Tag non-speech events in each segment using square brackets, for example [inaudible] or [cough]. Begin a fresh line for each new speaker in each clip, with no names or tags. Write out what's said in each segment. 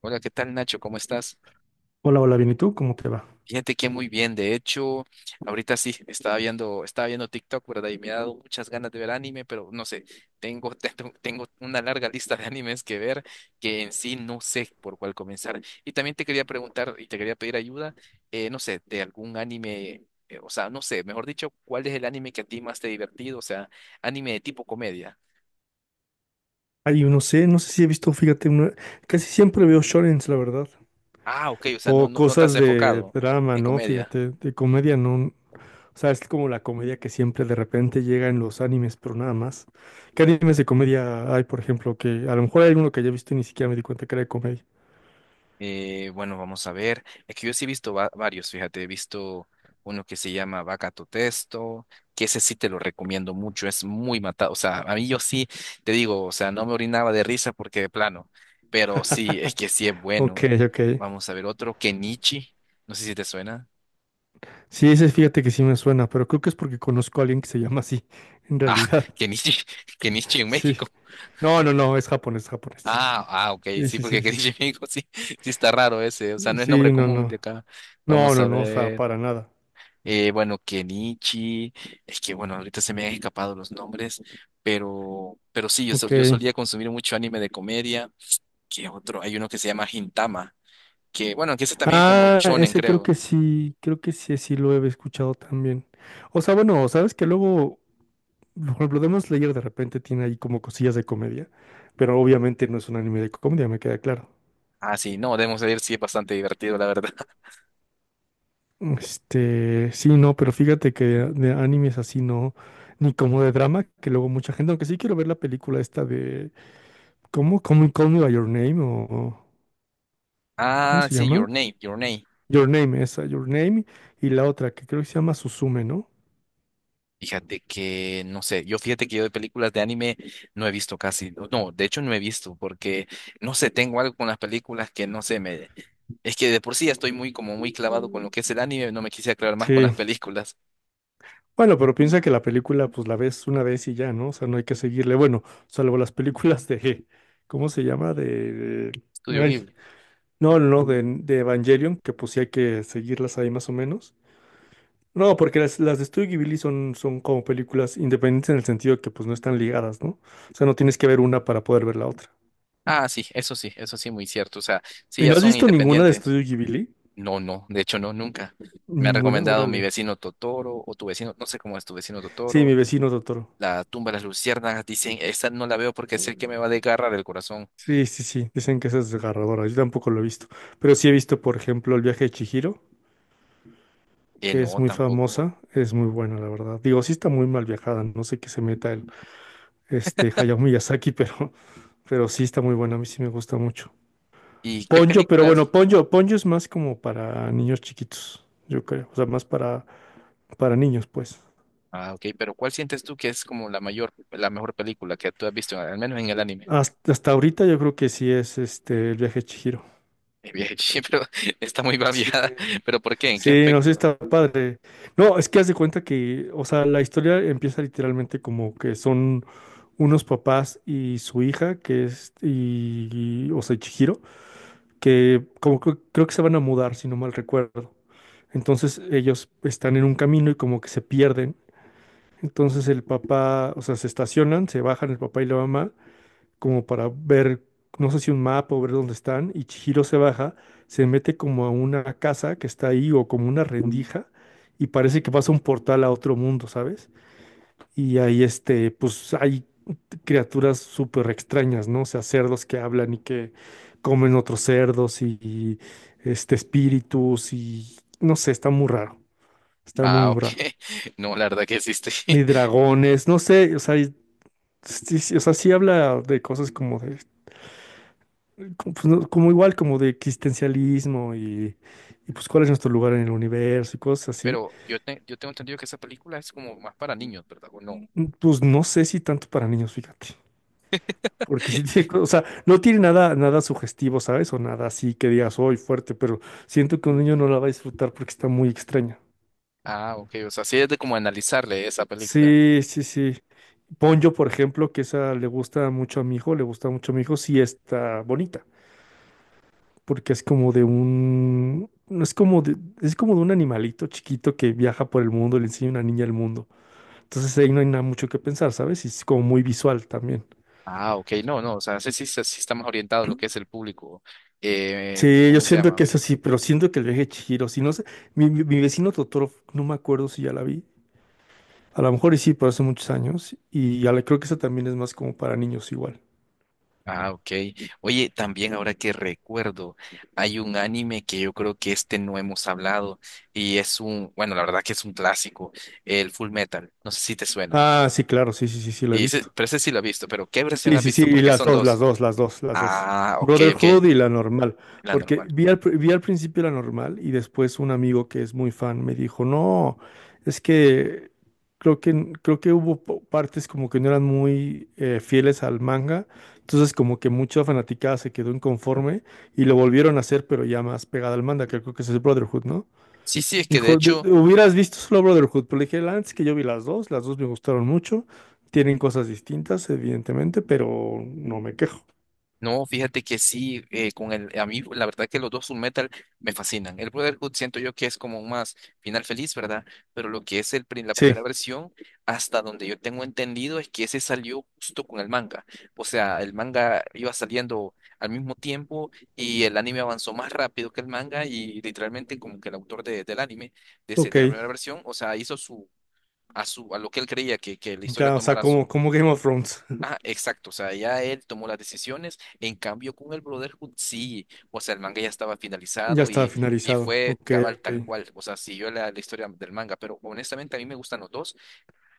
Hola, ¿qué tal Nacho? ¿Cómo estás?
Hola, hola, bien, ¿y tú? ¿Cómo te va?
Fíjate que muy bien, de hecho, ahorita sí, estaba viendo TikTok, ¿verdad? Y me ha dado muchas ganas de ver anime, pero no sé, tengo, [laughs] tengo, tengo una larga lista de animes que ver que en sí no sé por cuál comenzar. Y también te quería preguntar y te quería pedir ayuda, no sé, de algún anime, o sea, no sé, mejor dicho, ¿cuál es el anime que a ti más te ha divertido? O sea, anime de tipo comedia.
Ay, no sé, no sé si he visto, fíjate, casi siempre veo shonens, la verdad.
Ah, ok, o sea,
O
no te has
cosas de
enfocado
drama,
en
¿no?
comedia.
Fíjate, de comedia, ¿no? O sea, es como la comedia que siempre de repente llega en los animes, pero nada más. ¿Qué animes de comedia hay, por ejemplo? Que a lo mejor hay uno que ya he visto y ni siquiera me di cuenta que era de comedia.
Bueno, vamos a ver. Es que yo sí he visto varios, fíjate, he visto uno que se llama Vaca tu Testo, que ese sí te lo recomiendo mucho, es muy matado. O sea, a mí yo sí te digo, o sea, no me orinaba de risa porque de plano, pero sí, es que sí es bueno.
Ok, ok.
Vamos a ver otro, Kenichi, no sé si te suena.
Sí, ese fíjate que sí me suena, pero creo que es porque conozco a alguien que se llama así, [laughs] en
Ah,
realidad.
[laughs] Kenichi, Kenichi en
Sí.
México.
No, no, no, es japonés, japonés.
Ah, ok,
Sí,
sí,
sí, sí,
porque
sí,
Kenichi en
sí.
México sí, sí está raro ese, o sea, no es nombre
Sí, no,
común de
no.
acá.
No,
Vamos
no,
a
no, o sea,
ver.
para nada.
Bueno, Kenichi, es que bueno, ahorita se me han escapado los nombres, pero sí, yo
Ok.
solía consumir mucho anime de comedia, que otro, hay uno que se llama Gintama, que bueno, que ese también es como
Ah,
shonen,
ese
creo.
creo que sí, sí lo he escuchado también. O sea, bueno, sabes que luego, por ejemplo, Demon Slayer de repente tiene ahí como cosillas de comedia, pero obviamente no es un anime de comedia, me queda claro.
Ah, sí, no, debemos decir, sí, es bastante divertido, la verdad. [laughs]
Este, sí, no, pero fíjate que de animes así no, ni como de drama, que luego mucha gente, aunque sí quiero ver la película esta de, ¿cómo? ¿Cómo Call Me by Your Name ¿cómo
Ah,
se
sí,
llama?
Your Name.
Your Name, esa, Your Name, y la otra que creo que se llama Suzume, ¿no?
Fíjate que, no sé, yo fíjate que yo de películas de anime no he visto casi, no, de hecho no he visto porque, no sé, tengo algo con las películas que no sé, me, es que de por sí ya estoy muy como muy clavado con lo que es el anime, no me quise aclarar más con
Sí,
las películas.
bueno, pero piensa que la película pues la ves una vez y ya, ¿no? O sea, no hay que seguirle. Bueno, salvo las películas de, ¿cómo se llama? De,
Estudio
ay,
Ghibli.
no, no, no, de Evangelion, que pues sí hay que seguirlas ahí más o menos. No, porque las de Studio Ghibli son como películas independientes en el sentido que pues no están ligadas, ¿no? O sea, no tienes que ver una para poder ver la otra.
Ah, sí, eso sí, muy cierto, o sea, sí,
¿Y
ya
no has
son
visto ninguna de
independientes.
Studio Ghibli?
No, no, de hecho no, nunca. Me ha
Ninguna,
recomendado mi
órale.
vecino Totoro o tu vecino, no sé cómo es tu vecino
Sí,
Totoro,
mi vecino Totoro.
La tumba de las luciérnagas, dicen, esa no la veo porque sé que me va a desgarrar el corazón.
Sí, sí, sí, dicen que esa es desgarradora, yo tampoco lo he visto, pero sí he visto, por ejemplo, El viaje de Chihiro, que es
No,
muy
tampoco.
famosa, es muy buena, la verdad. Digo, sí está muy mal viajada, no sé qué se meta el este Hayao Miyazaki, [laughs] pero sí está muy buena, a mí sí me gusta mucho.
¿Y qué
Ponyo, pero bueno,
películas?
Ponyo es más como para niños chiquitos, yo creo, o sea, más para niños, pues.
Ah, ok, pero ¿cuál sientes tú que es como la mejor película que tú has visto, al menos en el anime?
Hasta ahorita yo creo que sí es este El viaje de Chihiro.
Bien, [laughs] sí, pero está muy
Sí.
babiada, [laughs] pero ¿por qué? ¿En qué
Sí, no sé,
aspecto?
está padre. No, es que haz de cuenta que, o sea, la historia empieza literalmente como que son unos papás y su hija, que es, o sea, Chihiro, que como que creo que se van a mudar, si no mal recuerdo. Entonces ellos están en un camino y como que se pierden. Entonces el papá, o sea, se estacionan, se bajan el papá y la mamá como para ver, no sé si un mapa o ver dónde están, y Chihiro se baja, se mete como a una casa que está ahí o como una rendija, y parece que pasa un portal a otro mundo, ¿sabes? Y ahí este, pues hay criaturas súper extrañas, ¿no? O sea, cerdos que hablan y que comen otros cerdos y, este, espíritus y no sé, está muy raro, está muy
Ah,
muy
ok.
raro.
[laughs] No, la verdad que existe.
Ni
[laughs]
dragones, no sé, o sea, sí, sí, o sea, sí habla de cosas como de como, pues, como igual como de existencialismo y, pues cuál es nuestro lugar en el universo y cosas así.
Pero yo, yo tengo entendido que esa película es como más para niños, ¿verdad? ¿O no?
Pues no sé si tanto para niños, fíjate. Porque sí tiene,
[laughs]
o sea, no tiene nada, nada sugestivo, ¿sabes? O nada así que digas, hoy fuerte, pero siento que un niño no la va a disfrutar porque está muy extraña.
Ah, ok, o sea, sí es de como analizarle esa película.
Sí, sí, sí. Ponyo, por ejemplo, que esa le gusta mucho a mi hijo, le gusta mucho a mi hijo, sí está bonita, porque es como de un, no es como de, es como de un animalito chiquito que viaja por el mundo, le enseña a una niña el mundo. Entonces ahí no hay nada mucho que pensar, ¿sabes? Y es como muy visual también.
Ah, ok, no, no, o sea, sí sí está más orientado a lo que es el público,
Sí, yo
¿cómo se
siento que
llama?
es así, pero siento que el viaje de Chihiro, si no sé, mi vecino Totoro, no me acuerdo si ya la vi. A lo mejor y sí, pero hace muchos años. Y ya creo que esa también es más como para niños igual.
Ah, ok. Oye, también ahora que recuerdo, hay un anime que yo creo que este no hemos hablado y es un, bueno, la verdad que es un clásico, el Full Metal. No sé si te suena.
Ah, sí, claro, sí, sí, sí, sí, la he visto.
Pero ese sí lo he visto, pero ¿qué versión
Sí,
has
sí, sí,
visto?
y
Porque
las
son
dos, las
dos.
dos, las dos, las dos.
Ok,
Brotherhood y la normal.
la
Porque
normal.
vi al principio la normal y después un amigo que es muy fan me dijo, no, es que creo que, creo que hubo partes como que no eran muy fieles al manga. Entonces como que mucha fanaticada se quedó inconforme y lo volvieron a hacer, pero ya más pegada al manga, que creo que ese es Brotherhood, ¿no?
Sí, sí, es que de
Hijo,
hecho...
hubieras visto solo Brotherhood, pero le dije, antes que yo vi las dos me gustaron mucho, tienen cosas distintas, evidentemente, pero no me quejo.
No, fíjate que sí, con el, a mí la verdad que los dos Full Metal me fascinan. El Brotherhood siento yo que es como un más final feliz, ¿verdad? Pero lo que es el, la
Sí,
primera versión, hasta donde yo tengo entendido, es que ese salió justo con el manga. O sea, el manga iba saliendo al mismo tiempo y el anime avanzó más rápido que el manga y literalmente como que el autor del anime,
ok,
de la primera versión, o sea, su, a lo que él creía que la historia
ya, o sea,
tomara.
como Game of Thrones,
Ah, exacto, o sea, ya él tomó las decisiones, en cambio con el Brotherhood sí, o sea, el manga ya estaba
[laughs] ya
finalizado
está
y
finalizado,
fue
ok,
cabal
ok.
tal cual, o sea, siguió la, la historia del manga, pero honestamente a mí me gustan los dos,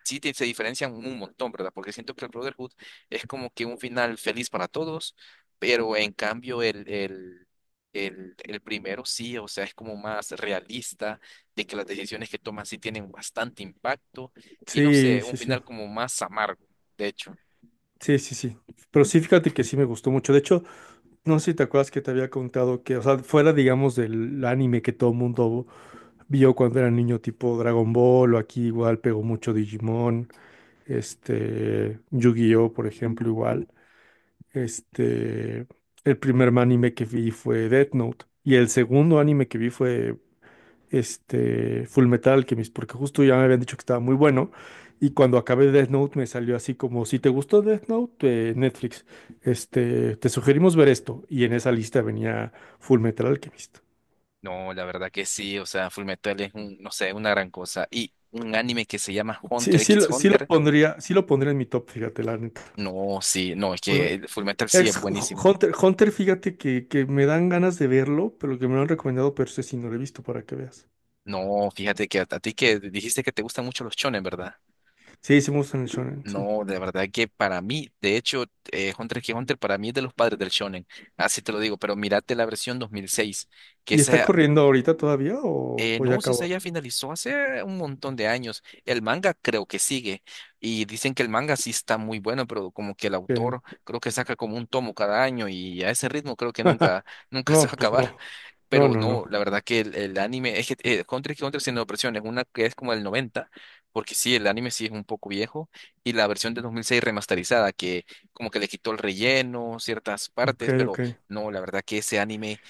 se diferencian un montón, ¿verdad? Porque siento que el Brotherhood es como que un final feliz para todos, pero en cambio el primero sí, o sea, es como más realista, de que las decisiones que toman sí tienen bastante impacto y no
Sí,
sé, un
sí, sí,
final como más amargo, de hecho.
sí, sí, sí, pero sí, fíjate que sí me gustó mucho, de hecho, no sé si te acuerdas que te había contado que, o sea, fuera, digamos, del anime que todo mundo vio cuando era niño, tipo Dragon Ball, o aquí igual pegó mucho Digimon, este, Yu-Gi-Oh, por ejemplo, igual. Este, el primer anime que vi fue Death Note y el segundo anime que vi fue este Fullmetal Alchemist, porque justo ya me habían dicho que estaba muy bueno y cuando acabé Death Note me salió así como si te gustó Death Note, Netflix, este, te sugerimos ver esto y en esa lista venía Fullmetal Alchemist.
No, la verdad que sí, o sea, Fullmetal es un, no sé, una gran cosa. Y un anime que se llama Hunter
Sí, sí,
x
sí lo
Hunter,
pondría, sí lo pondría en mi top, fíjate, la neta.
no, sí, no, es que el Fullmetal sí es
Ex
buenísimo.
Hunter, Hunter, fíjate que me dan ganas de verlo, pero que me lo han recomendado, pero ese sí no lo he visto para que veas.
No, fíjate que a ti que dijiste que te gustan mucho los shonen, ¿verdad?
Sí, sí me gustan el shonen, sí.
No, de verdad que para mí, de hecho, Hunter x Hunter para mí es de los padres del shonen, así te lo digo, pero mírate la versión 2006, que
¿Y está
esa.
corriendo ahorita todavía o, o ya
No, si esa
acabó?
ya finalizó hace un montón de años. El manga creo que sigue. Y dicen que el manga sí está muy bueno, pero como que el
Ok.
autor creo que saca como un tomo cada año y a ese ritmo creo que nunca, [laughs] nunca se va
No,
a
pues
acabar.
no. No,
Pero
no,
no,
no.
la verdad que el anime, es que Hunter x Hunter tiene dos versiones, una que es como del 90, porque sí, el anime sí es un poco viejo, y la versión de 2006 remasterizada, que como que le quitó el relleno, ciertas
Ok,
partes, pero
ok.
no, la verdad que ese anime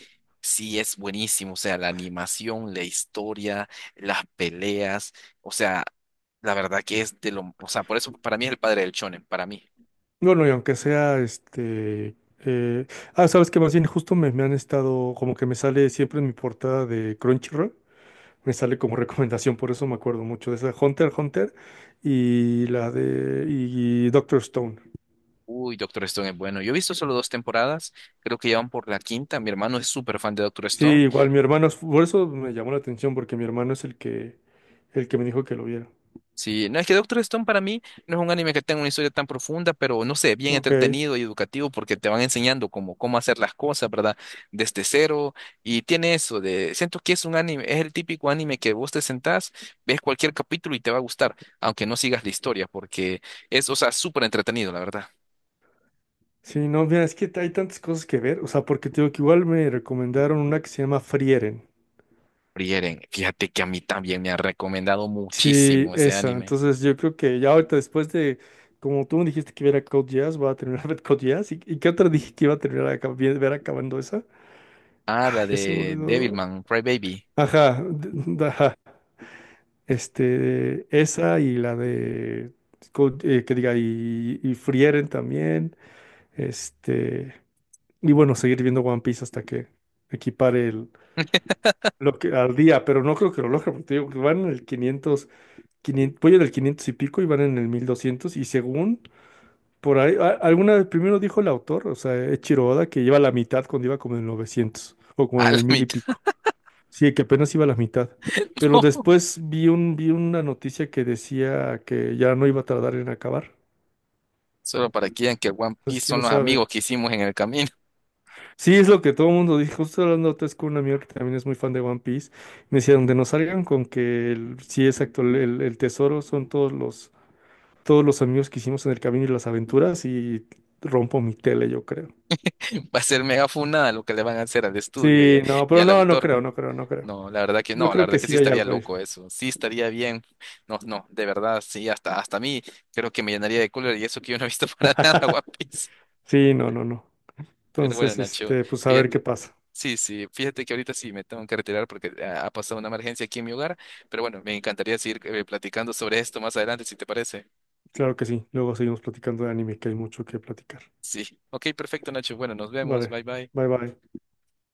sí, es buenísimo, o sea, la animación, la historia, las peleas, o sea, la verdad que es de lo, o sea, por eso para mí es el padre del shonen, para mí.
Bueno, y aunque sea este. Ah, sabes que más bien justo me han estado. Como que me sale siempre en mi portada de Crunchyroll. Me sale como [laughs] recomendación, por eso me acuerdo mucho de esa. Hunter, Hunter y la de. Y Doctor Stone.
Uy, Doctor Stone es bueno. Yo he visto solo dos temporadas, creo que ya van por la quinta. Mi hermano es súper fan de Doctor
Sí,
Stone.
igual mi hermano, por eso me llamó la atención, porque mi hermano es el que me dijo que lo viera.
Sí, no es que Doctor Stone para mí no es un anime que tenga una historia tan profunda, pero no sé, bien
Ok.
entretenido y educativo porque te van enseñando cómo hacer las cosas, ¿verdad? Desde cero. Y tiene eso de, siento que es un anime, es el típico anime que vos te sentás, ves cualquier capítulo y te va a gustar, aunque no sigas la historia, porque es, o sea, súper entretenido, la verdad.
Sí, no, mira, es que hay tantas cosas que ver, o sea, porque te digo que igual me recomendaron una que se llama Frieren.
Frieren, fíjate que a mí también me ha recomendado
Sí,
muchísimo ese
esa,
anime.
entonces yo creo que ya ahorita después de, como tú me dijiste que viera Code Jazz, voy a terminar [laughs] ver Code Jazz, ¿y qué otra [laughs] dije que iba a terminar ver acabando esa?
Ah, la
Ay, ya se me
de
olvidó.
Devilman, Baby. [laughs]
Ajá, ajá. Este, esa y la de, que diga, y Frieren también. Este, y bueno, seguir viendo One Piece hasta que equipare el, lo que al día, pero no creo que lo logre, porque te digo que van en el 500 500 voy en el 500 y pico y van en el 1200 y según por ahí, alguna vez primero dijo el autor, o sea, Eiichiro Oda, que lleva la mitad cuando iba como en el 900 o como
A
en
la
el 1000 y
mitad.
pico. Sí, que apenas iba a la mitad. Pero
[laughs]
después vi una noticia que decía que ya no iba a tardar en acabar.
Solo para que vean que One
Entonces,
Piece son
quién
los amigos
sabe.
que hicimos en el camino.
Sí, es lo que todo el mundo dijo. Justo hablando antes con un amigo que también es muy fan de One Piece. Me decía, donde nos salgan con que el, sí, exacto, el tesoro son todos los amigos que hicimos en el camino y las aventuras. Y rompo mi tele, yo creo.
[laughs] Va a ser mega funada lo que le van a hacer al estudio
Sí, no,
y
pero
al
no, no
autor.
creo, no creo, no creo.
No, la verdad que
Yo
no, la
creo que
verdad que sí
sí hay
estaría
algo ahí.
loco eso. Sí estaría bien. No, no, de verdad, sí, hasta a mí creo que me llenaría de cólera y eso que yo no he visto [laughs] para nada One Piece.
Sí, no, no, no.
Pero bueno,
Entonces,
Nacho,
este, pues a ver qué
fíjate.
pasa.
Sí, sí, fíjate que ahorita sí me tengo que retirar porque ah, ha pasado una emergencia aquí en mi hogar. Pero bueno, me encantaría seguir platicando sobre esto más adelante, si te parece.
Claro que sí. Luego seguimos platicando de anime, que hay mucho que platicar.
Sí, ok, perfecto, Nacho. Bueno, nos vemos.
Vale,
Bye, bye.
bye bye.